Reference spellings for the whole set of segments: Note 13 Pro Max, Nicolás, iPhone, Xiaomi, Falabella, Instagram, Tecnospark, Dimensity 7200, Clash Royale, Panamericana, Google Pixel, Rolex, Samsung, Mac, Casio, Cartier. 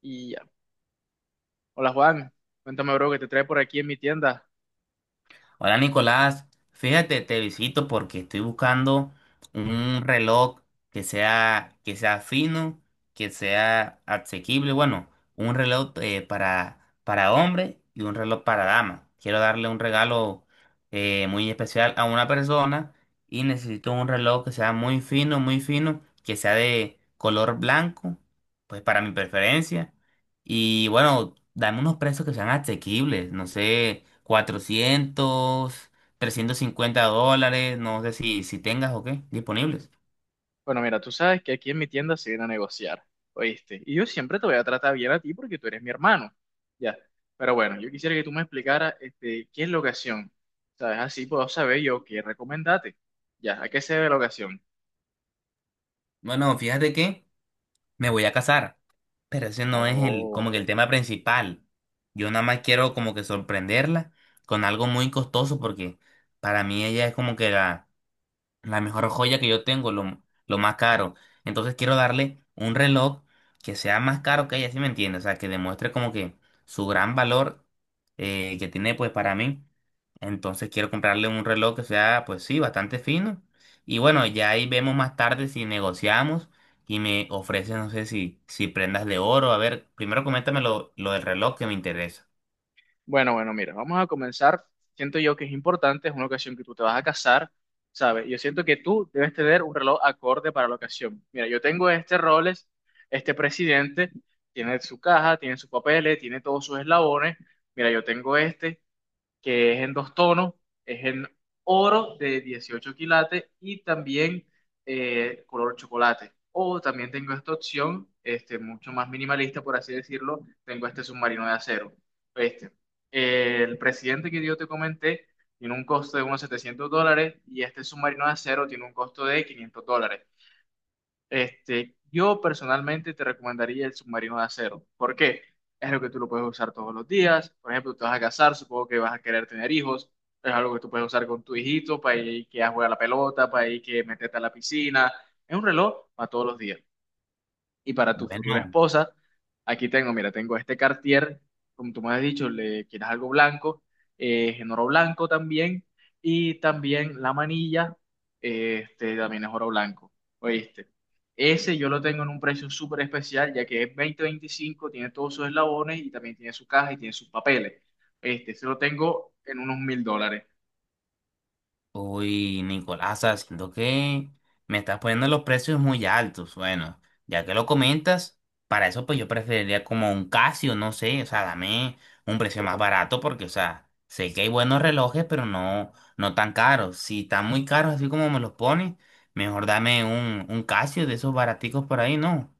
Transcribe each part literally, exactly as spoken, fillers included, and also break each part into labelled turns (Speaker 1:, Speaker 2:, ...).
Speaker 1: Y ya. Hola Juan, cuéntame bro, ¿qué te trae por aquí en mi tienda?
Speaker 2: Hola Nicolás, fíjate, te visito porque estoy buscando un reloj que sea, que sea fino, que sea asequible, bueno, un reloj eh, para, para hombre y un reloj para dama. Quiero darle un regalo eh, muy especial a una persona y necesito un reloj que sea muy fino, muy fino, que sea de color blanco, pues para mi preferencia. Y bueno, dame unos precios que sean asequibles, no sé, cuatrocientos trescientos cincuenta dólares, no sé si, si tengas o qué, disponibles.
Speaker 1: Bueno, mira, tú sabes que aquí en mi tienda se viene a negociar, ¿oíste? Y yo siempre te voy a tratar bien a ti porque tú eres mi hermano, ya. Pero bueno, yo quisiera que tú me explicaras, este, qué es la ocasión, ¿sabes? Así puedo saber yo qué recomendarte, ya, ¿a qué se debe la ocasión?
Speaker 2: Bueno, fíjate que me voy a casar, pero ese no es el,
Speaker 1: Oh.
Speaker 2: como que el tema principal. Yo nada más quiero como que sorprenderla con algo muy costoso porque para mí ella es como que la, la mejor joya que yo tengo, lo, lo más caro. Entonces quiero darle un reloj que sea más caro que ella, ¿sí me entiende? O sea, que demuestre como que su gran valor eh, que tiene pues para mí. Entonces quiero comprarle un reloj que sea pues sí, bastante fino. Y bueno, ya ahí vemos más tarde si negociamos y me ofrece, no sé si, si prendas de oro. A ver, primero coméntame lo, lo del reloj que me interesa.
Speaker 1: Bueno, bueno, mira, vamos a comenzar. Siento yo que es importante, es una ocasión que tú te vas a casar, ¿sabes? Yo siento que tú debes tener un reloj acorde para la ocasión. Mira, yo tengo este Rolex, este presidente, tiene su caja, tiene sus papeles, tiene todos sus eslabones. Mira, yo tengo este que es en dos tonos, es en oro de dieciocho quilates y también eh, color chocolate. O también tengo esta opción, este, mucho más minimalista, por así decirlo, tengo este submarino de acero. Este, eh, el presidente que yo te comenté tiene un costo de unos setecientos dólares y este submarino de acero tiene un costo de quinientos dólares. Este, yo personalmente te recomendaría el submarino de acero. ¿Por qué? Es algo que tú lo puedes usar todos los días. Por ejemplo, te vas a casar, supongo que vas a querer tener hijos. Es algo que tú puedes usar con tu hijito para ir que a jugar a la pelota, para ir que meterte a la piscina. Es un reloj para todos los días. Y para tu futura
Speaker 2: Bueno.
Speaker 1: esposa, aquí tengo, mira, tengo este Cartier, como tú me has dicho, le quieres algo blanco, eh, en oro blanco también, y también la manilla, eh, este también es oro blanco, ¿oíste? Ese yo lo tengo en un precio súper especial, ya que es dos mil veinticinco, tiene todos sus eslabones y también tiene su caja y tiene sus papeles. Este, se lo tengo en unos mil dólares.
Speaker 2: Uy, Nicolás, o sea, siento que me estás poniendo los precios muy altos. Bueno, ya que lo comentas, para eso pues yo preferiría como un Casio, no sé, o sea, dame un precio más barato porque, o sea, sé que hay buenos relojes, pero no, no tan caros. Si están muy caros así como me los pones, mejor dame un, un Casio de esos baraticos por ahí, ¿no?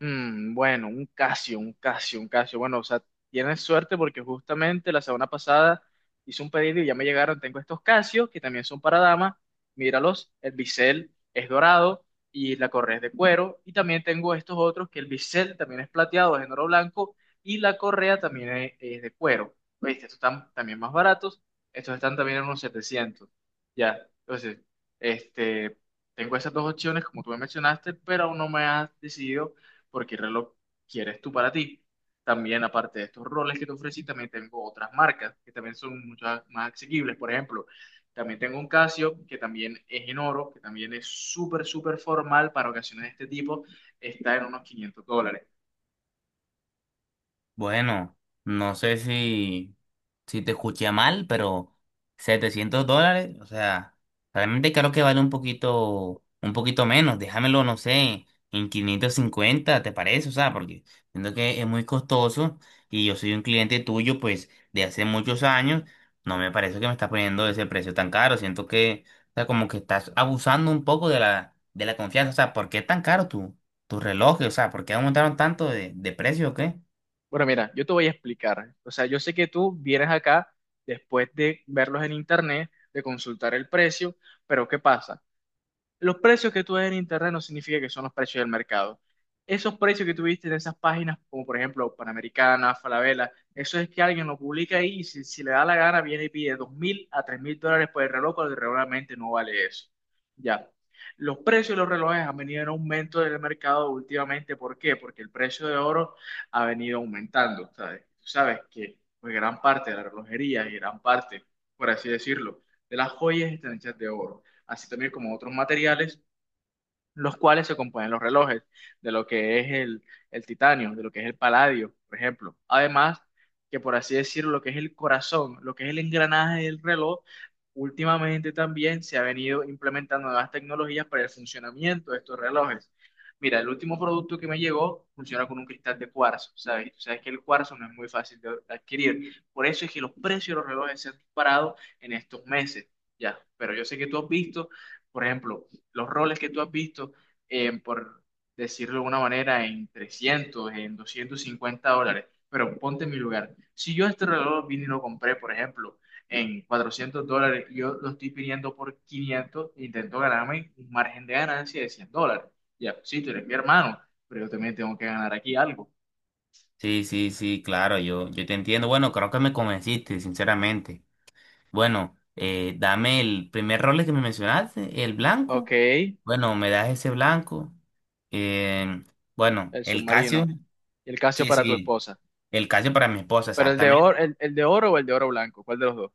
Speaker 1: Mm, bueno, un Casio, un Casio, un Casio. Bueno, o sea, tienes suerte porque justamente la semana pasada hice un pedido y ya me llegaron. Tengo estos Casios que también son para damas. Míralos, el bisel es dorado y la correa es de cuero. Y también tengo estos otros que el bisel también es plateado, es en oro blanco y la correa también es, es de cuero. ¿Viste? Estos están también más baratos. Estos están también en unos setecientos. Ya, entonces, este, tengo esas dos opciones como tú me mencionaste, pero aún no me has decidido porque el reloj quieres tú para ti. También, aparte de estos roles que te ofrecí, también tengo otras marcas que también son mucho más asequibles. Por ejemplo, también tengo un Casio que también es en oro, que también es súper, súper formal para ocasiones de este tipo. Está en unos quinientos dólares.
Speaker 2: Bueno, no sé si, si te escuché mal, pero setecientos dólares, o sea, realmente creo que vale un poquito, un poquito menos. Déjamelo, no sé, en quinientos cincuenta, ¿te parece? O sea, porque siento que es muy costoso y yo soy un cliente tuyo, pues, de hace muchos años. No me parece que me estás poniendo ese precio tan caro. Siento que, o sea, como que estás abusando un poco de la, de la confianza. O sea, ¿por qué es tan caro tu, tu reloj? O sea, ¿por qué aumentaron tanto de, de precio o qué?
Speaker 1: Bueno, mira, yo te voy a explicar. O sea, yo sé que tú vienes acá después de verlos en internet, de consultar el precio, pero ¿qué pasa? Los precios que tú ves en internet no significa que son los precios del mercado. Esos precios que tú viste en esas páginas, como por ejemplo Panamericana, Falabella, eso es que alguien lo publica ahí y si, si le da la gana viene y pide dos mil a tres mil dólares por el reloj, pero realmente no vale eso. Ya. Los precios de los relojes han venido en aumento del mercado últimamente. ¿Por qué? Porque el precio de oro ha venido aumentando, ¿sabes? Tú sabes que pues, gran parte de la relojería y gran parte, por así decirlo, de las joyas están hechas de oro así también como otros materiales los cuales se componen los relojes, de lo que es el, el titanio, de lo que es el paladio, por ejemplo. Además, que por así decirlo, lo que es el corazón, lo que es el engranaje del reloj, últimamente también se ha venido implementando nuevas tecnologías para el funcionamiento de estos relojes. Mira, el último producto que me llegó funciona con un cristal de cuarzo, ¿sabes? Y tú sabes que el cuarzo no es muy fácil de adquirir. Por eso es que los precios de los relojes se han disparado en estos meses, ¿ya? Pero yo sé que tú has visto, por ejemplo, los roles que tú has visto, eh, por decirlo de alguna manera, en trescientos en doscientos cincuenta dólares. Pero ponte en mi lugar. Si yo este reloj vine y lo compré, por ejemplo, en cuatrocientos dólares, y yo lo estoy pidiendo por quinientos, intento ganarme un margen de ganancia de cien dólares. Ya, sí, tú eres mi hermano, pero yo también tengo que ganar aquí algo.
Speaker 2: Sí, sí, sí, claro, yo, yo te entiendo. Bueno, creo que me convenciste, sinceramente. Bueno, eh, dame el primer rol que me mencionaste, el blanco.
Speaker 1: Ok, el
Speaker 2: Bueno, me das ese blanco. Eh, bueno, el Casio.
Speaker 1: submarino. Y el Casio
Speaker 2: Sí,
Speaker 1: para tu
Speaker 2: sí,
Speaker 1: esposa.
Speaker 2: el Casio para mi esposa,
Speaker 1: Pero el de
Speaker 2: exactamente.
Speaker 1: oro, el, el de oro o el de oro blanco, ¿cuál de los dos?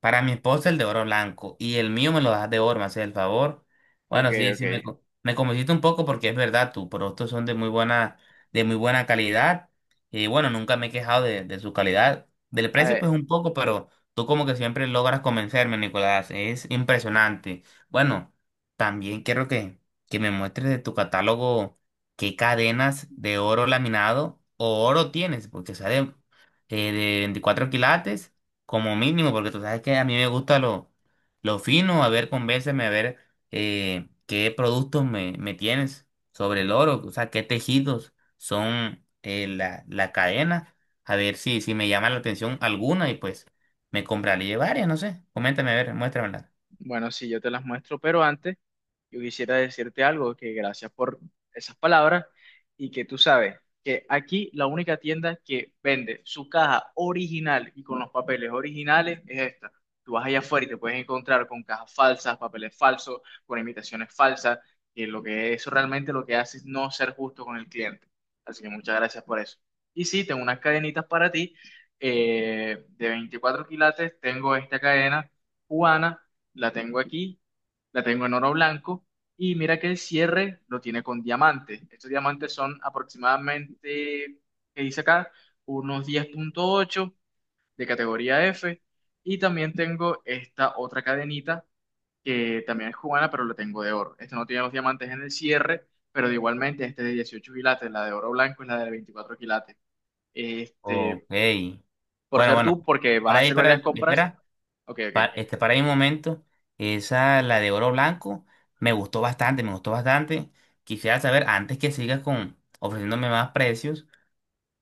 Speaker 2: Para mi esposa el de oro blanco y el mío me lo das de oro, me haces el favor.
Speaker 1: Ok,
Speaker 2: Bueno, sí, sí, me, co- me convenciste un poco porque es verdad, tus productos son de muy buena, de muy buena calidad y bueno, nunca me he quejado de, de su calidad. Del precio pues
Speaker 1: ok.
Speaker 2: un poco, pero tú como que siempre logras convencerme, Nicolás, es impresionante. Bueno, también quiero que, que me muestres de tu catálogo qué cadenas de oro laminado o oro tienes, porque sale eh, de veinticuatro quilates como mínimo, porque tú sabes que a mí me gusta lo, lo fino. A ver, convénceme, a ver, eh, qué productos me, me tienes sobre el oro, o sea, qué tejidos son, eh, la, la cadena, a ver si, si me llama la atención alguna y pues me compraré varias, no sé, coméntame, a ver, muéstramela.
Speaker 1: Bueno, sí, yo te las muestro, pero antes... Yo quisiera decirte algo, que gracias por esas palabras y que tú sabes que aquí la única tienda que vende su caja original y con los papeles originales es esta. Tú vas allá afuera y te puedes encontrar con cajas falsas, papeles falsos, con imitaciones falsas, que lo que eso realmente lo que hace es no ser justo con el cliente. Así que muchas gracias por eso. Y sí, tengo unas cadenitas para ti eh, de veinticuatro quilates. Tengo esta cadena cubana, la tengo aquí la tengo en oro blanco y mira que el cierre lo tiene con diamantes. Estos diamantes son aproximadamente, qué dice acá, unos diez punto ocho de categoría F y también tengo esta otra cadenita que también es cubana, pero la tengo de oro. Esta no tiene los diamantes en el cierre, pero de igualmente este de dieciocho quilates, la de oro blanco es la de veinticuatro quilates. Este,
Speaker 2: Ok,
Speaker 1: por
Speaker 2: bueno,
Speaker 1: ser
Speaker 2: bueno,
Speaker 1: tú, porque vas a
Speaker 2: ahora ahí,
Speaker 1: hacer
Speaker 2: espera,
Speaker 1: varias compras.
Speaker 2: espera.
Speaker 1: Ok, ok.
Speaker 2: Pa- este, para mi momento, esa, la de oro blanco, me gustó bastante, me gustó bastante. Quisiera saber, antes que sigas con ofreciéndome más precios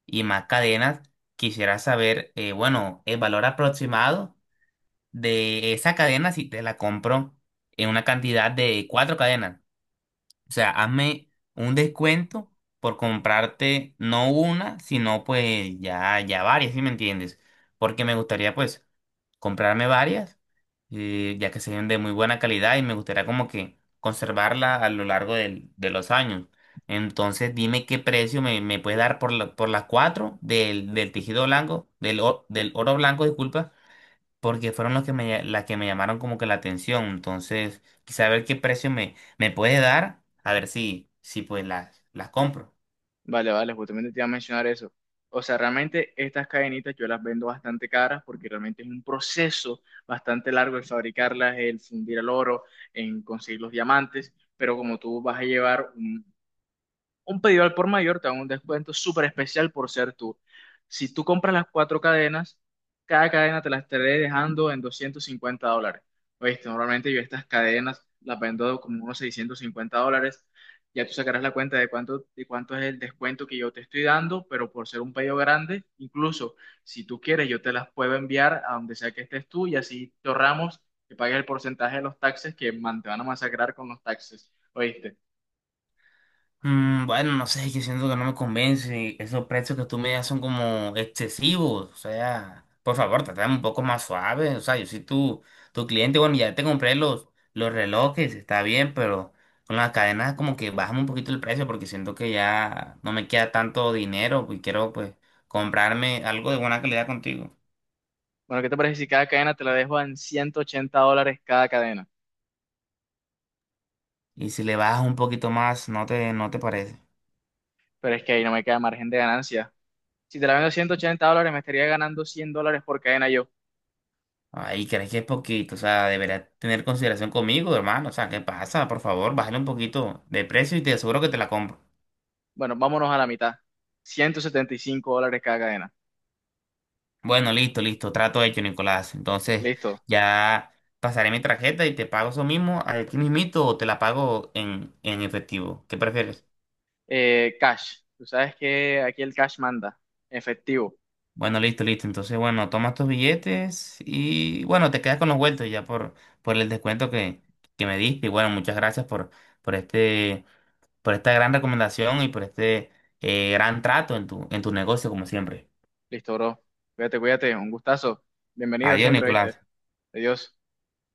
Speaker 2: y más cadenas, quisiera saber, eh, bueno, el valor aproximado de esa cadena si te la compro en una cantidad de cuatro cadenas. O sea, hazme un descuento por comprarte no una, sino pues ya, ya, varias, ¿sí me entiendes? Porque me gustaría pues comprarme varias, eh, ya que sean de muy buena calidad, y me gustaría como que conservarla a lo largo del- de los años. Entonces dime qué precio me, me puedes dar por la- por las cuatro del, del tejido blanco, del, o- del oro blanco, disculpa, porque fueron los que me, las que me llamaron como que la atención. Entonces, quizá ver qué precio me, me puede dar, a ver si, si pues las, las compro.
Speaker 1: Vale, vale, justamente te iba a mencionar eso. O sea, realmente estas cadenitas yo las vendo bastante caras porque realmente es un proceso bastante largo el fabricarlas, el fundir el oro, en conseguir los diamantes, pero como tú vas a llevar un, un pedido al por mayor te dan un descuento súper especial por ser tú. Si tú compras las cuatro cadenas, cada cadena te las estaré dejando en doscientos cincuenta dólares. Oíste, normalmente yo estas cadenas las vendo como unos seiscientos cincuenta dólares. Ya tú sacarás la cuenta de cuánto, de cuánto es el descuento que yo te estoy dando, pero por ser un pedido grande, incluso si tú quieres, yo te las puedo enviar a donde sea que estés tú y así te ahorramos que pagues el porcentaje de los taxes que man, te van a masacrar con los taxes. ¿Oíste?
Speaker 2: Mm, bueno, no sé, yo siento que no me convence. Esos precios que tú me das son como excesivos. O sea, por favor, trátame un poco más suave. O sea, yo soy tu, tu cliente. Bueno, ya te compré los, los relojes, está bien, pero con las cadenas como que bajamos un poquito el precio porque siento que ya no me queda tanto dinero y quiero pues comprarme algo de buena calidad contigo.
Speaker 1: Bueno, ¿qué te parece si cada cadena te la dejo en ciento ochenta dólares cada cadena?
Speaker 2: Y si le bajas un poquito más, ¿no te, no te parece?
Speaker 1: Pero es que ahí no me queda margen de ganancia. Si te la vendo en ciento ochenta dólares, me estaría ganando cien dólares por cadena yo.
Speaker 2: Ay, crees que es poquito, o sea, deberás tener consideración conmigo, hermano. O sea, ¿qué pasa? Por favor, bájale un poquito de precio y te aseguro que te la compro.
Speaker 1: Bueno, vámonos a la mitad. Ciento setenta y cinco dólares cada cadena.
Speaker 2: Bueno, listo, listo, trato hecho, Nicolás. Entonces,
Speaker 1: Listo.
Speaker 2: ya pasaré mi tarjeta y te pago eso mismo aquí mismito o te la pago en, en efectivo. ¿Qué prefieres?
Speaker 1: Eh, cash. Tú sabes que aquí el cash manda. Efectivo.
Speaker 2: Bueno, listo, listo. Entonces, bueno, toma tus billetes y bueno, te quedas con los vueltos ya por, por el descuento que, que me diste. Y bueno, muchas gracias por, por este. Por esta gran recomendación y por este eh, gran trato en tu, en tu negocio, como siempre.
Speaker 1: Listo, bro. Cuídate, cuídate. Un gustazo. Bienvenido
Speaker 2: Adiós,
Speaker 1: siempre,
Speaker 2: Nicolás.
Speaker 1: ¿viste? Adiós.